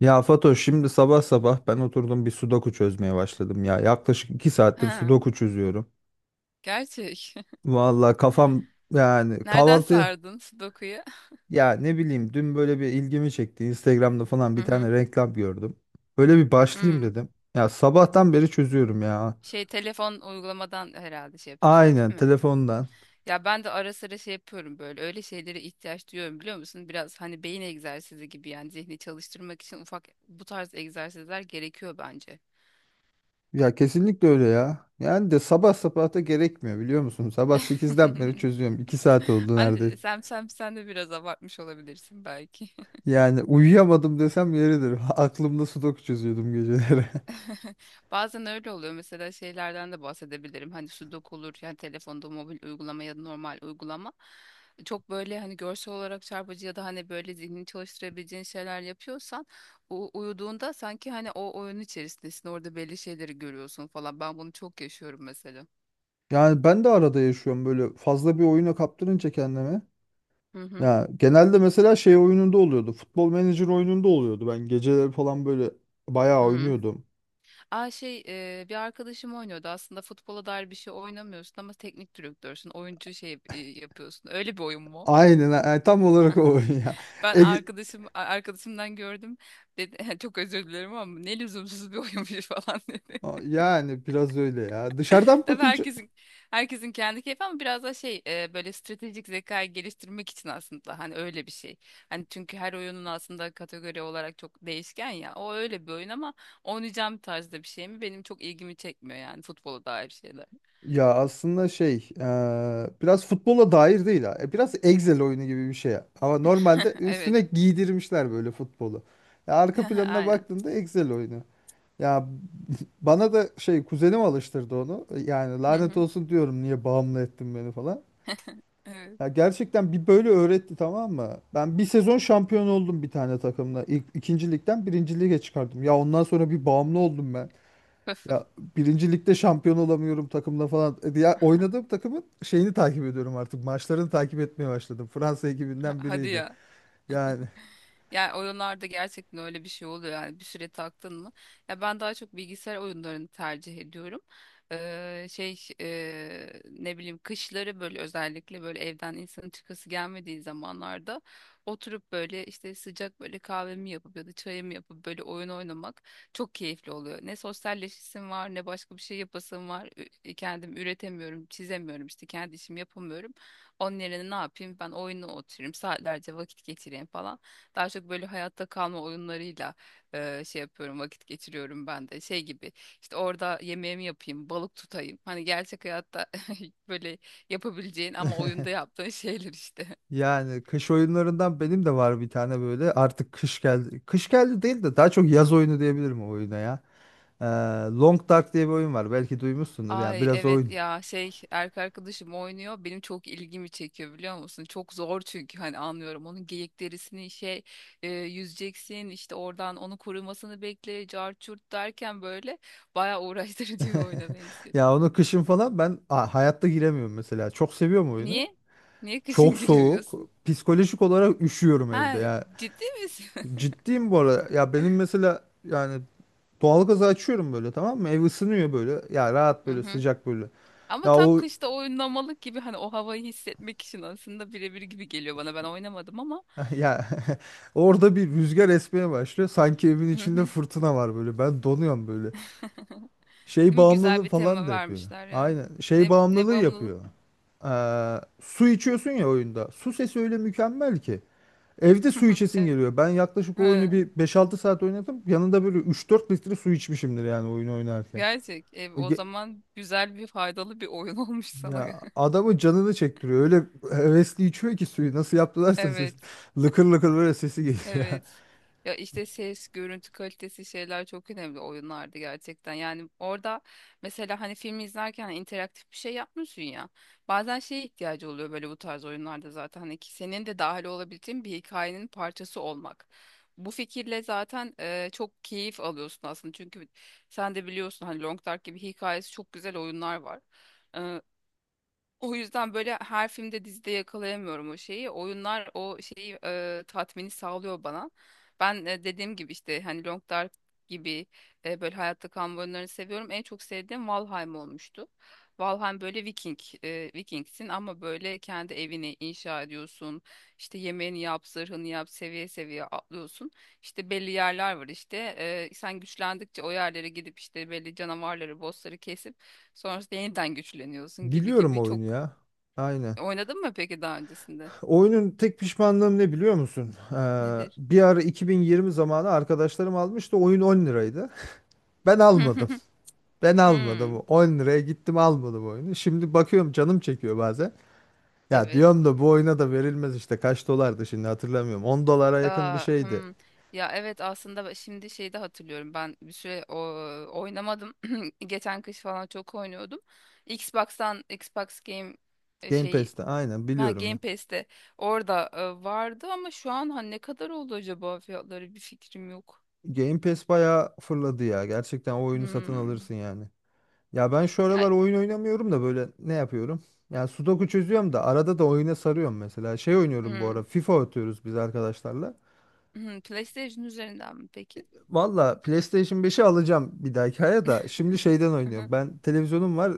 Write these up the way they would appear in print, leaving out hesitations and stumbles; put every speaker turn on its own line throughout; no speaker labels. Ya Fatoş, şimdi sabah sabah ben oturdum, bir sudoku çözmeye başladım ya. Yaklaşık 2 saattir
Ha,
sudoku çözüyorum.
gerçek.
Vallahi kafam,
Nereden
kahvaltı
sardın Sudoku'yu?
ya, ne bileyim, dün böyle bir ilgimi çekti. Instagram'da falan
Hı
bir
hı.
tane reklam gördüm. Böyle bir başlayayım
Hmm.
dedim. Ya sabahtan beri çözüyorum ya.
Şey, telefon uygulamadan herhalde şey yapıyorsun,
Aynen,
değil mi?
telefondan.
Ya ben de ara sıra şey yapıyorum böyle. Öyle şeylere ihtiyaç duyuyorum, biliyor musun? Biraz hani beyin egzersizi gibi, yani zihni çalıştırmak için ufak bu tarz egzersizler gerekiyor bence.
Ya kesinlikle öyle ya. Yani sabah sabah da gerekmiyor, biliyor musun? Sabah sekizden beri çözüyorum. 2 saat oldu neredeyse.
Hani sen de biraz abartmış olabilirsin belki.
Yani uyuyamadım desem yeridir. Aklımda sudoku çözüyordum geceleri.
Bazen öyle oluyor. Mesela şeylerden de bahsedebilirim. Hani Sudoku olur, yani telefonda mobil uygulama ya da normal uygulama. Çok böyle hani görsel olarak çarpıcı ya da hani böyle zihnini çalıştırabileceğin şeyler yapıyorsan uyuduğunda sanki hani o oyun içerisindesin. Orada belli şeyleri görüyorsun falan. Ben bunu çok yaşıyorum mesela.
Yani ben de arada yaşıyorum böyle, fazla bir oyuna kaptırınca kendimi.
Hı hı.
Ya genelde mesela şey oyununda oluyordu. Futbol Manager oyununda oluyordu. Ben geceleri falan böyle bayağı
Hı.
oynuyordum.
Aa, şey, bir arkadaşım oynuyordu. Aslında futbola dair bir şey oynamıyorsun ama teknik direktörsün, oyuncu şey yapıyorsun. Öyle bir oyun mu?
Aynen ha, tam olarak o oyun ya.
Ben
Ege-
arkadaşımdan gördüm. Dedi çok özür dilerim ama ne lüzumsuz bir oyunmuş falan dedi.
Yani biraz öyle ya. Dışarıdan
Tabii
bakınca
herkesin kendi keyfi ama biraz da şey, böyle stratejik zekayı geliştirmek için aslında hani öyle bir şey. Hani çünkü her oyunun aslında kategori olarak çok değişken ya. O öyle bir oyun ama oynayacağım tarzda bir şey mi? Benim çok ilgimi çekmiyor yani futbola dair şeyler.
ya, aslında şey biraz futbola dair değil ha. Biraz Excel oyunu gibi bir şey ya. Ama normalde
Evet.
üstüne giydirmişler böyle futbolu. Ya arka planına
Aynen.
baktığında Excel oyunu. Ya bana da şey, kuzenim alıştırdı onu. Yani
Hı
lanet
hı.
olsun diyorum, niye bağımlı ettin beni falan.
Evet.
Ya gerçekten bir böyle öğretti, tamam mı? Ben bir sezon şampiyon oldum bir tane takımla. İlk, ikinci ligden birinci lige çıkardım. Ya ondan sonra bir bağımlı oldum ben. Ya birinci ligde şampiyon olamıyorum takımla falan. Diğer oynadığım takımın şeyini takip ediyorum artık. Maçlarını takip etmeye başladım. Fransa ekibinden
Hadi
biriydi.
ya.
Yani
Yani oyunlarda gerçekten öyle bir şey oluyor, yani bir süre taktın mı? Ya ben daha çok bilgisayar oyunlarını tercih ediyorum. Şey, ne bileyim, kışları böyle, özellikle böyle evden insanın çıkası gelmediği zamanlarda oturup böyle işte sıcak böyle kahvemi yapıp ya da çayımı yapıp böyle oyun oynamak çok keyifli oluyor. Ne sosyalleşisim var, ne başka bir şey yapasım var. Kendim üretemiyorum, çizemiyorum, işte kendi işimi yapamıyorum. Onun yerine ne yapayım, ben oyuna oturayım saatlerce vakit geçireyim falan. Daha çok böyle hayatta kalma oyunlarıyla şey yapıyorum, vakit geçiriyorum ben de. Şey gibi işte, orada yemeğimi yapayım, balık tutayım. Hani gerçek hayatta böyle yapabileceğin ama oyunda yaptığın şeyler işte.
yani kış oyunlarından benim de var bir tane böyle. Artık kış geldi. Kış geldi değil de, daha çok yaz oyunu diyebilirim o oyuna ya. Ee, Long Dark diye bir oyun var. Belki duymuşsundur, yani
Ay,
biraz
evet
oyun.
ya, şey, erkek arkadaşım oynuyor, benim çok ilgimi çekiyor, biliyor musun? Çok zor çünkü. Hani anlıyorum, onun geyik derisini şey, yüzeceksin, işte oradan onu kurumasını bekle, cart çurt derken böyle bayağı uğraştırıcı bir oyuna benziyor.
Ya onu kışın falan ben hayatta giremiyorum mesela. Çok seviyorum oyunu.
Niye? Niye
Çok
kışın
soğuk.
giremiyorsun?
Psikolojik olarak üşüyorum evde
Ha,
ya.
ciddi misin?
Ciddiyim bu arada. Ya benim mesela yani, doğalgazı açıyorum böyle, tamam mı? Ev ısınıyor böyle. Ya rahat,
Hı
böyle
hı.
sıcak böyle.
Ama
Ya
tam
o
kışta oynamalık gibi, hani o havayı hissetmek için aslında birebir gibi geliyor bana. Ben oynamadım ama.
ya orada bir rüzgar esmeye başlıyor. Sanki evin
Hı
içinde
hı.
fırtına var böyle. Ben donuyorum böyle. Şey
Değil mi? Güzel
bağımlılığı
bir
falan
tema
da yapıyor.
vermişler ya.
Aynen. Şey
Ne
bağımlılığı
bağımlılık?
yapıyor. Su içiyorsun ya oyunda. Su sesi öyle mükemmel ki. Evde su içesin
Evet.
geliyor. Ben yaklaşık o oyunu
Ha,
bir 5-6 saat oynadım. Yanında böyle 3-4 litre su içmişimdir yani oyunu oynarken.
gerçek. E, o
Ge-
zaman güzel bir, faydalı bir oyun olmuş sana.
Ya adamın canını çektiriyor. Öyle hevesli içiyor ki suyu. Nasıl yaptılarsa ses.
Evet.
Lıkır lıkır böyle sesi geliyor. ya.
Evet. Ya işte ses, görüntü kalitesi, şeyler çok önemli oyunlarda gerçekten. Yani orada mesela hani filmi izlerken hani interaktif bir şey yapmıyorsun ya. Bazen şeye ihtiyacı oluyor böyle, bu tarz oyunlarda zaten hani, ki senin de dahil olabildiğin bir hikayenin parçası olmak. Bu fikirle zaten çok keyif alıyorsun aslında. Çünkü sen de biliyorsun hani Long Dark gibi hikayesi çok güzel oyunlar var. O yüzden böyle her filmde, dizide yakalayamıyorum o şeyi. Oyunlar o şeyi, tatmini sağlıyor bana. Ben dediğim gibi işte, hani Long Dark gibi, böyle hayatta kalma oyunlarını seviyorum. En çok sevdiğim Valheim olmuştu. Valheim böyle Vikingsin ama böyle kendi evini inşa ediyorsun. İşte yemeğini yap, zırhını yap, seviye seviye atlıyorsun. İşte belli yerler var işte. E, sen güçlendikçe o yerlere gidip işte belli canavarları, bossları kesip sonrasında yeniden güçleniyorsun gibi
Biliyorum
gibi.
oyunu
Çok.
ya. Aynen.
Oynadın mı peki daha öncesinde?
Oyunun tek pişmanlığım ne biliyor musun?
Nedir?
Bir ara 2020 zamanı arkadaşlarım almıştı. Oyun 10 liraydı. Ben almadım.
Hmm,
10 liraya gittim, almadım oyunu. Şimdi bakıyorum, canım çekiyor bazen. Ya
evet.
diyorum da bu oyuna da verilmez işte. Kaç dolardı şimdi hatırlamıyorum. 10 dolara yakın bir
Aa,
şeydi.
hmm. Ya evet, aslında şimdi şeyi de hatırlıyorum. Ben bir süre oynamadım. Geçen kış falan çok oynuyordum. Xbox'tan Xbox Game e,
Game
şey
Pass'te, aynen,
ha,
biliyorum
Game
ya.
Pass'te, orada vardı ama şu an ha, ne kadar oldu acaba, fiyatları bir fikrim yok.
Game Pass bayağı fırladı ya. Gerçekten o oyunu satın
Hmm.
alırsın yani. Ya ben şu
Ya
aralar oyun oynamıyorum da böyle, ne yapıyorum? Yani Sudoku çözüyorum da arada da oyuna sarıyorum mesela. Şey oynuyorum bu
hmm.
ara, FIFA atıyoruz biz arkadaşlarla.
PlayStation üzerinden mi peki?
Valla PlayStation beşi alacağım bir dahaki aya da, şimdi şeyden oynuyorum. Ben televizyonum var,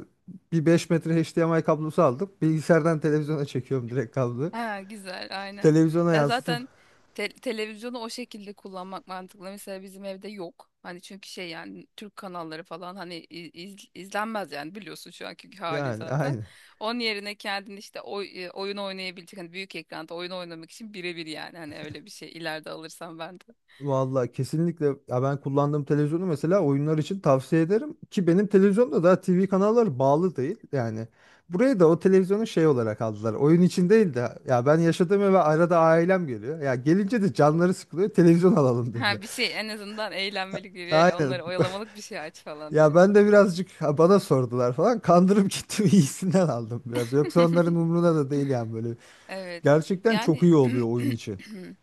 bir 5 metre HDMI kablosu aldık. Bilgisayardan televizyona çekiyorum direkt kabloyu.
Ha, güzel, aynen.
Televizyona
Ya
yansıtıp
zaten televizyonu o şekilde kullanmak mantıklı. Mesela bizim evde yok. Hani çünkü şey, yani Türk kanalları falan hani izlenmez yani, biliyorsun şu anki hali
yani,
zaten.
aynı.
Onun yerine kendin işte oyun oynayabilecek, hani büyük ekranda oyun oynamak için birebir, yani hani öyle bir şey ileride alırsam ben de.
Vallahi kesinlikle ya, ben kullandığım televizyonu mesela oyunlar için tavsiye ederim ki benim televizyonda daha TV kanalları bağlı değil yani, buraya da o televizyonu şey olarak aldılar, oyun için değil de, ya ben yaşadığım eve arada ailem geliyor, ya gelince de canları sıkılıyor, televizyon alalım dedi.
Ha, bir şey en azından eğlenmelik, bir öyle
Aynen.
onları oyalamalık bir şey aç falan
Ya
diye.
ben de birazcık ha, bana sordular falan, kandırıp gittim iyisinden aldım biraz, yoksa onların umruna da değil yani böyle.
Evet.
Gerçekten çok
Yani
iyi oluyor oyun için.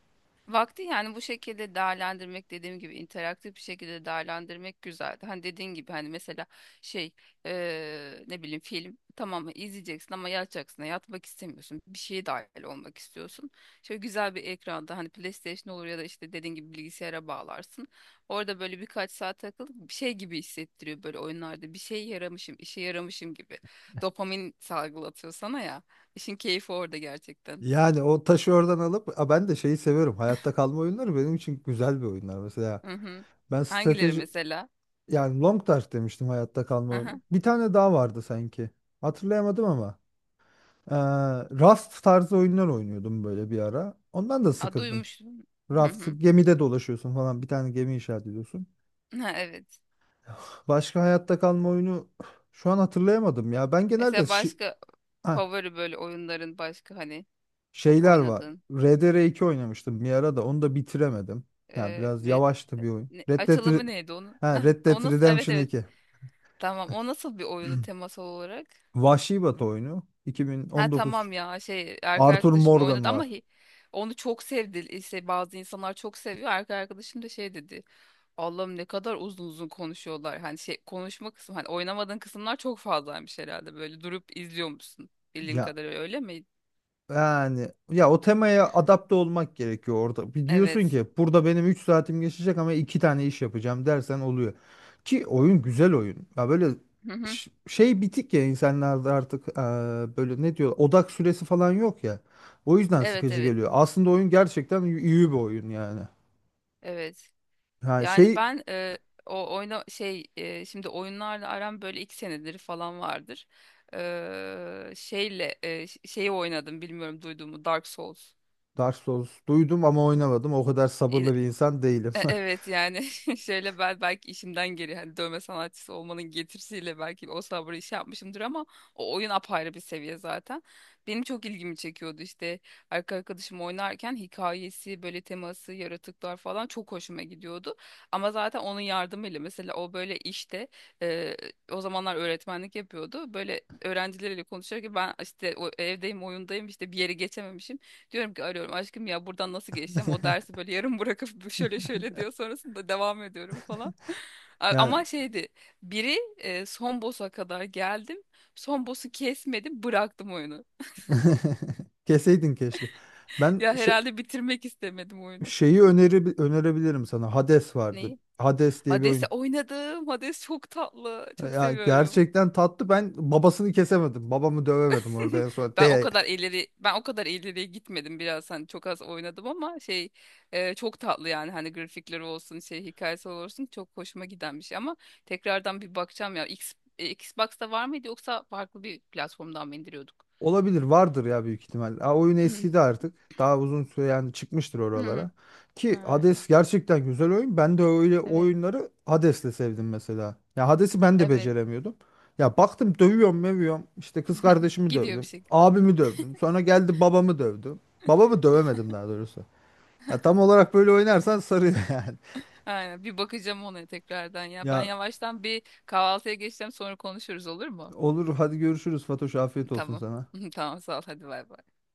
vakti, yani bu şekilde değerlendirmek, dediğim gibi interaktif bir şekilde değerlendirmek güzel. Hani dediğin gibi hani mesela şey, ne bileyim, film tamam izleyeceksin ama yatacaksın, yatmak istemiyorsun. Bir şeye dahil olmak istiyorsun. Şöyle güzel bir ekranda hani PlayStation olur ya da işte dediğin gibi bilgisayara bağlarsın. Orada böyle birkaç saat takılıp bir şey gibi hissettiriyor böyle oyunlarda, bir şey yaramışım işe yaramışım gibi. Dopamin salgılatıyor sana ya. İşin keyfi orada gerçekten.
Yani o taşı oradan alıp, aa, ben de şeyi seviyorum. Hayatta kalma oyunları benim için güzel bir oyunlar. Mesela
Hı hı.
ben
Hangileri
strateji,
mesela?
yani Long Dark demiştim, hayatta kalma oyunu. Bir tane daha vardı sanki. Hatırlayamadım ama. Ee, Raft tarzı oyunlar oynuyordum böyle bir ara. Ondan da
A,
sıkıldım.
duymuştum. Hı
Raft,
hı.
gemide dolaşıyorsun falan, bir tane gemi inşaat ediyorsun.
Ha, evet.
Başka hayatta kalma oyunu şu an hatırlayamadım ya. Ben genelde
Mesela
şi...
başka
Ha,
favori böyle oyunların, başka hani çok
şeyler var.
oynadığın,
Rdr iki oynamıştım bir ara, da onu da bitiremedim. Ya
e,
biraz
Red-
yavaştı bir oyun.
açılımı neydi onun?
Ha, Red
O
Dead
nasıl? Evet,
Redemption
evet.
iki.
Tamam. O nasıl bir oyunu temasal olarak?
Vahşi Batı oyunu.
Ha,
2019.
tamam ya, şey, erkek
Arthur
arkadaşım
Morgan
oynadı ama
var.
onu çok sevdi. İşte bazı insanlar çok seviyor. Erkek arkadaşım da şey dedi. Allah'ım, ne kadar uzun uzun konuşuyorlar. Hani şey konuşma kısmı, hani oynamadığın kısımlar çok fazlaymış herhalde. Böyle durup izliyormuşsun. Bildiğim
Ya
kadarıyla öyle mi?
Yani ya, o temaya adapte olmak gerekiyor orada. Bir diyorsun
Evet.
ki burada benim 3 saatim geçecek ama 2 tane iş yapacağım dersen, oluyor. Ki oyun güzel oyun. Ya böyle
Hı hı.
şey bitik ya insanlarda artık, böyle ne diyor, odak süresi falan yok ya. O yüzden
Evet,
sıkıcı
evet,
geliyor. Aslında oyun gerçekten iyi bir oyun yani.
evet.
Yani
Yani
şey,
ben, e, o oyna şey e, şimdi oyunlarla aram böyle 2 senedir falan vardır. Şeyi oynadım, bilmiyorum duyduğumu, Dark Souls.
Dark Souls duydum ama oynamadım. O kadar sabırlı bir insan değilim.
Evet yani şöyle, ben belki işimden geri, hani dövme sanatçısı olmanın getirisiyle belki o sabrı iş yapmışımdır ama o oyun apayrı bir seviye zaten. Benim çok ilgimi çekiyordu işte arkadaşım oynarken, hikayesi böyle, teması, yaratıklar falan çok hoşuma gidiyordu. Ama zaten onun yardımıyla mesela o böyle, işte e, o zamanlar öğretmenlik yapıyordu. Böyle öğrencileriyle konuşuyor ki, ben işte evdeyim, oyundayım, işte bir yere geçememişim. Diyorum ki, arıyorum, aşkım ya buradan nasıl geçeceğim? O dersi böyle yarım bırakıp, bu şöyle şöyle diyor, sonrasında devam ediyorum falan.
Yani
Ama şeydi, biri, son boss'a kadar geldim. Son boss'u kesmedim, bıraktım oyunu.
keseydin keşke. Ben
Ya
şey-
herhalde bitirmek istemedim oyunu.
Şeyi önerebilirim sana. Hades vardı.
Neyi?
Hades diye bir
Hades'i
oyun.
oynadım. Hades çok tatlı. Çok
Ya
seviyorum.
gerçekten tatlı. Ben babasını kesemedim. Babamı dövemedim orada en son. De
Ben o kadar ileriye gitmedim, biraz hani çok az oynadım ama şey, çok tatlı yani, hani grafikleri olsun, şey hikayesi olsun çok hoşuma giden bir şey ama tekrardan bir bakacağım ya. Xbox'ta var mıydı yoksa farklı bir platformdan mı indiriyorduk?
olabilir, vardır ya büyük ihtimal. Ha, oyun eskidi artık. Daha uzun süre yani, çıkmıştır oralara.
Hmm,
Ki
ha,
Hades gerçekten güzel oyun. Ben de öyle
evet,
oyunları Hades'le sevdim mesela. Ya Hades'i ben de
evet,
beceremiyordum. Ya baktım, dövüyorum mövüyorum. İşte kız kardeşimi
gidiyor bir
dövdüm.
şey.
Abimi dövdüm. Sonra geldi, babamı dövdüm. Babamı dövemedim daha doğrusu. Ya tam olarak böyle oynarsan sarıyor yani.
Aynen, bir bakacağım ona tekrardan. Ya ben
Ya
yavaştan bir kahvaltıya geçeceğim, sonra konuşuruz, olur mu?
olur, hadi görüşürüz Fatoş, afiyet olsun
Tamam,
sana.
tamam, sağ ol, hadi, bay bay.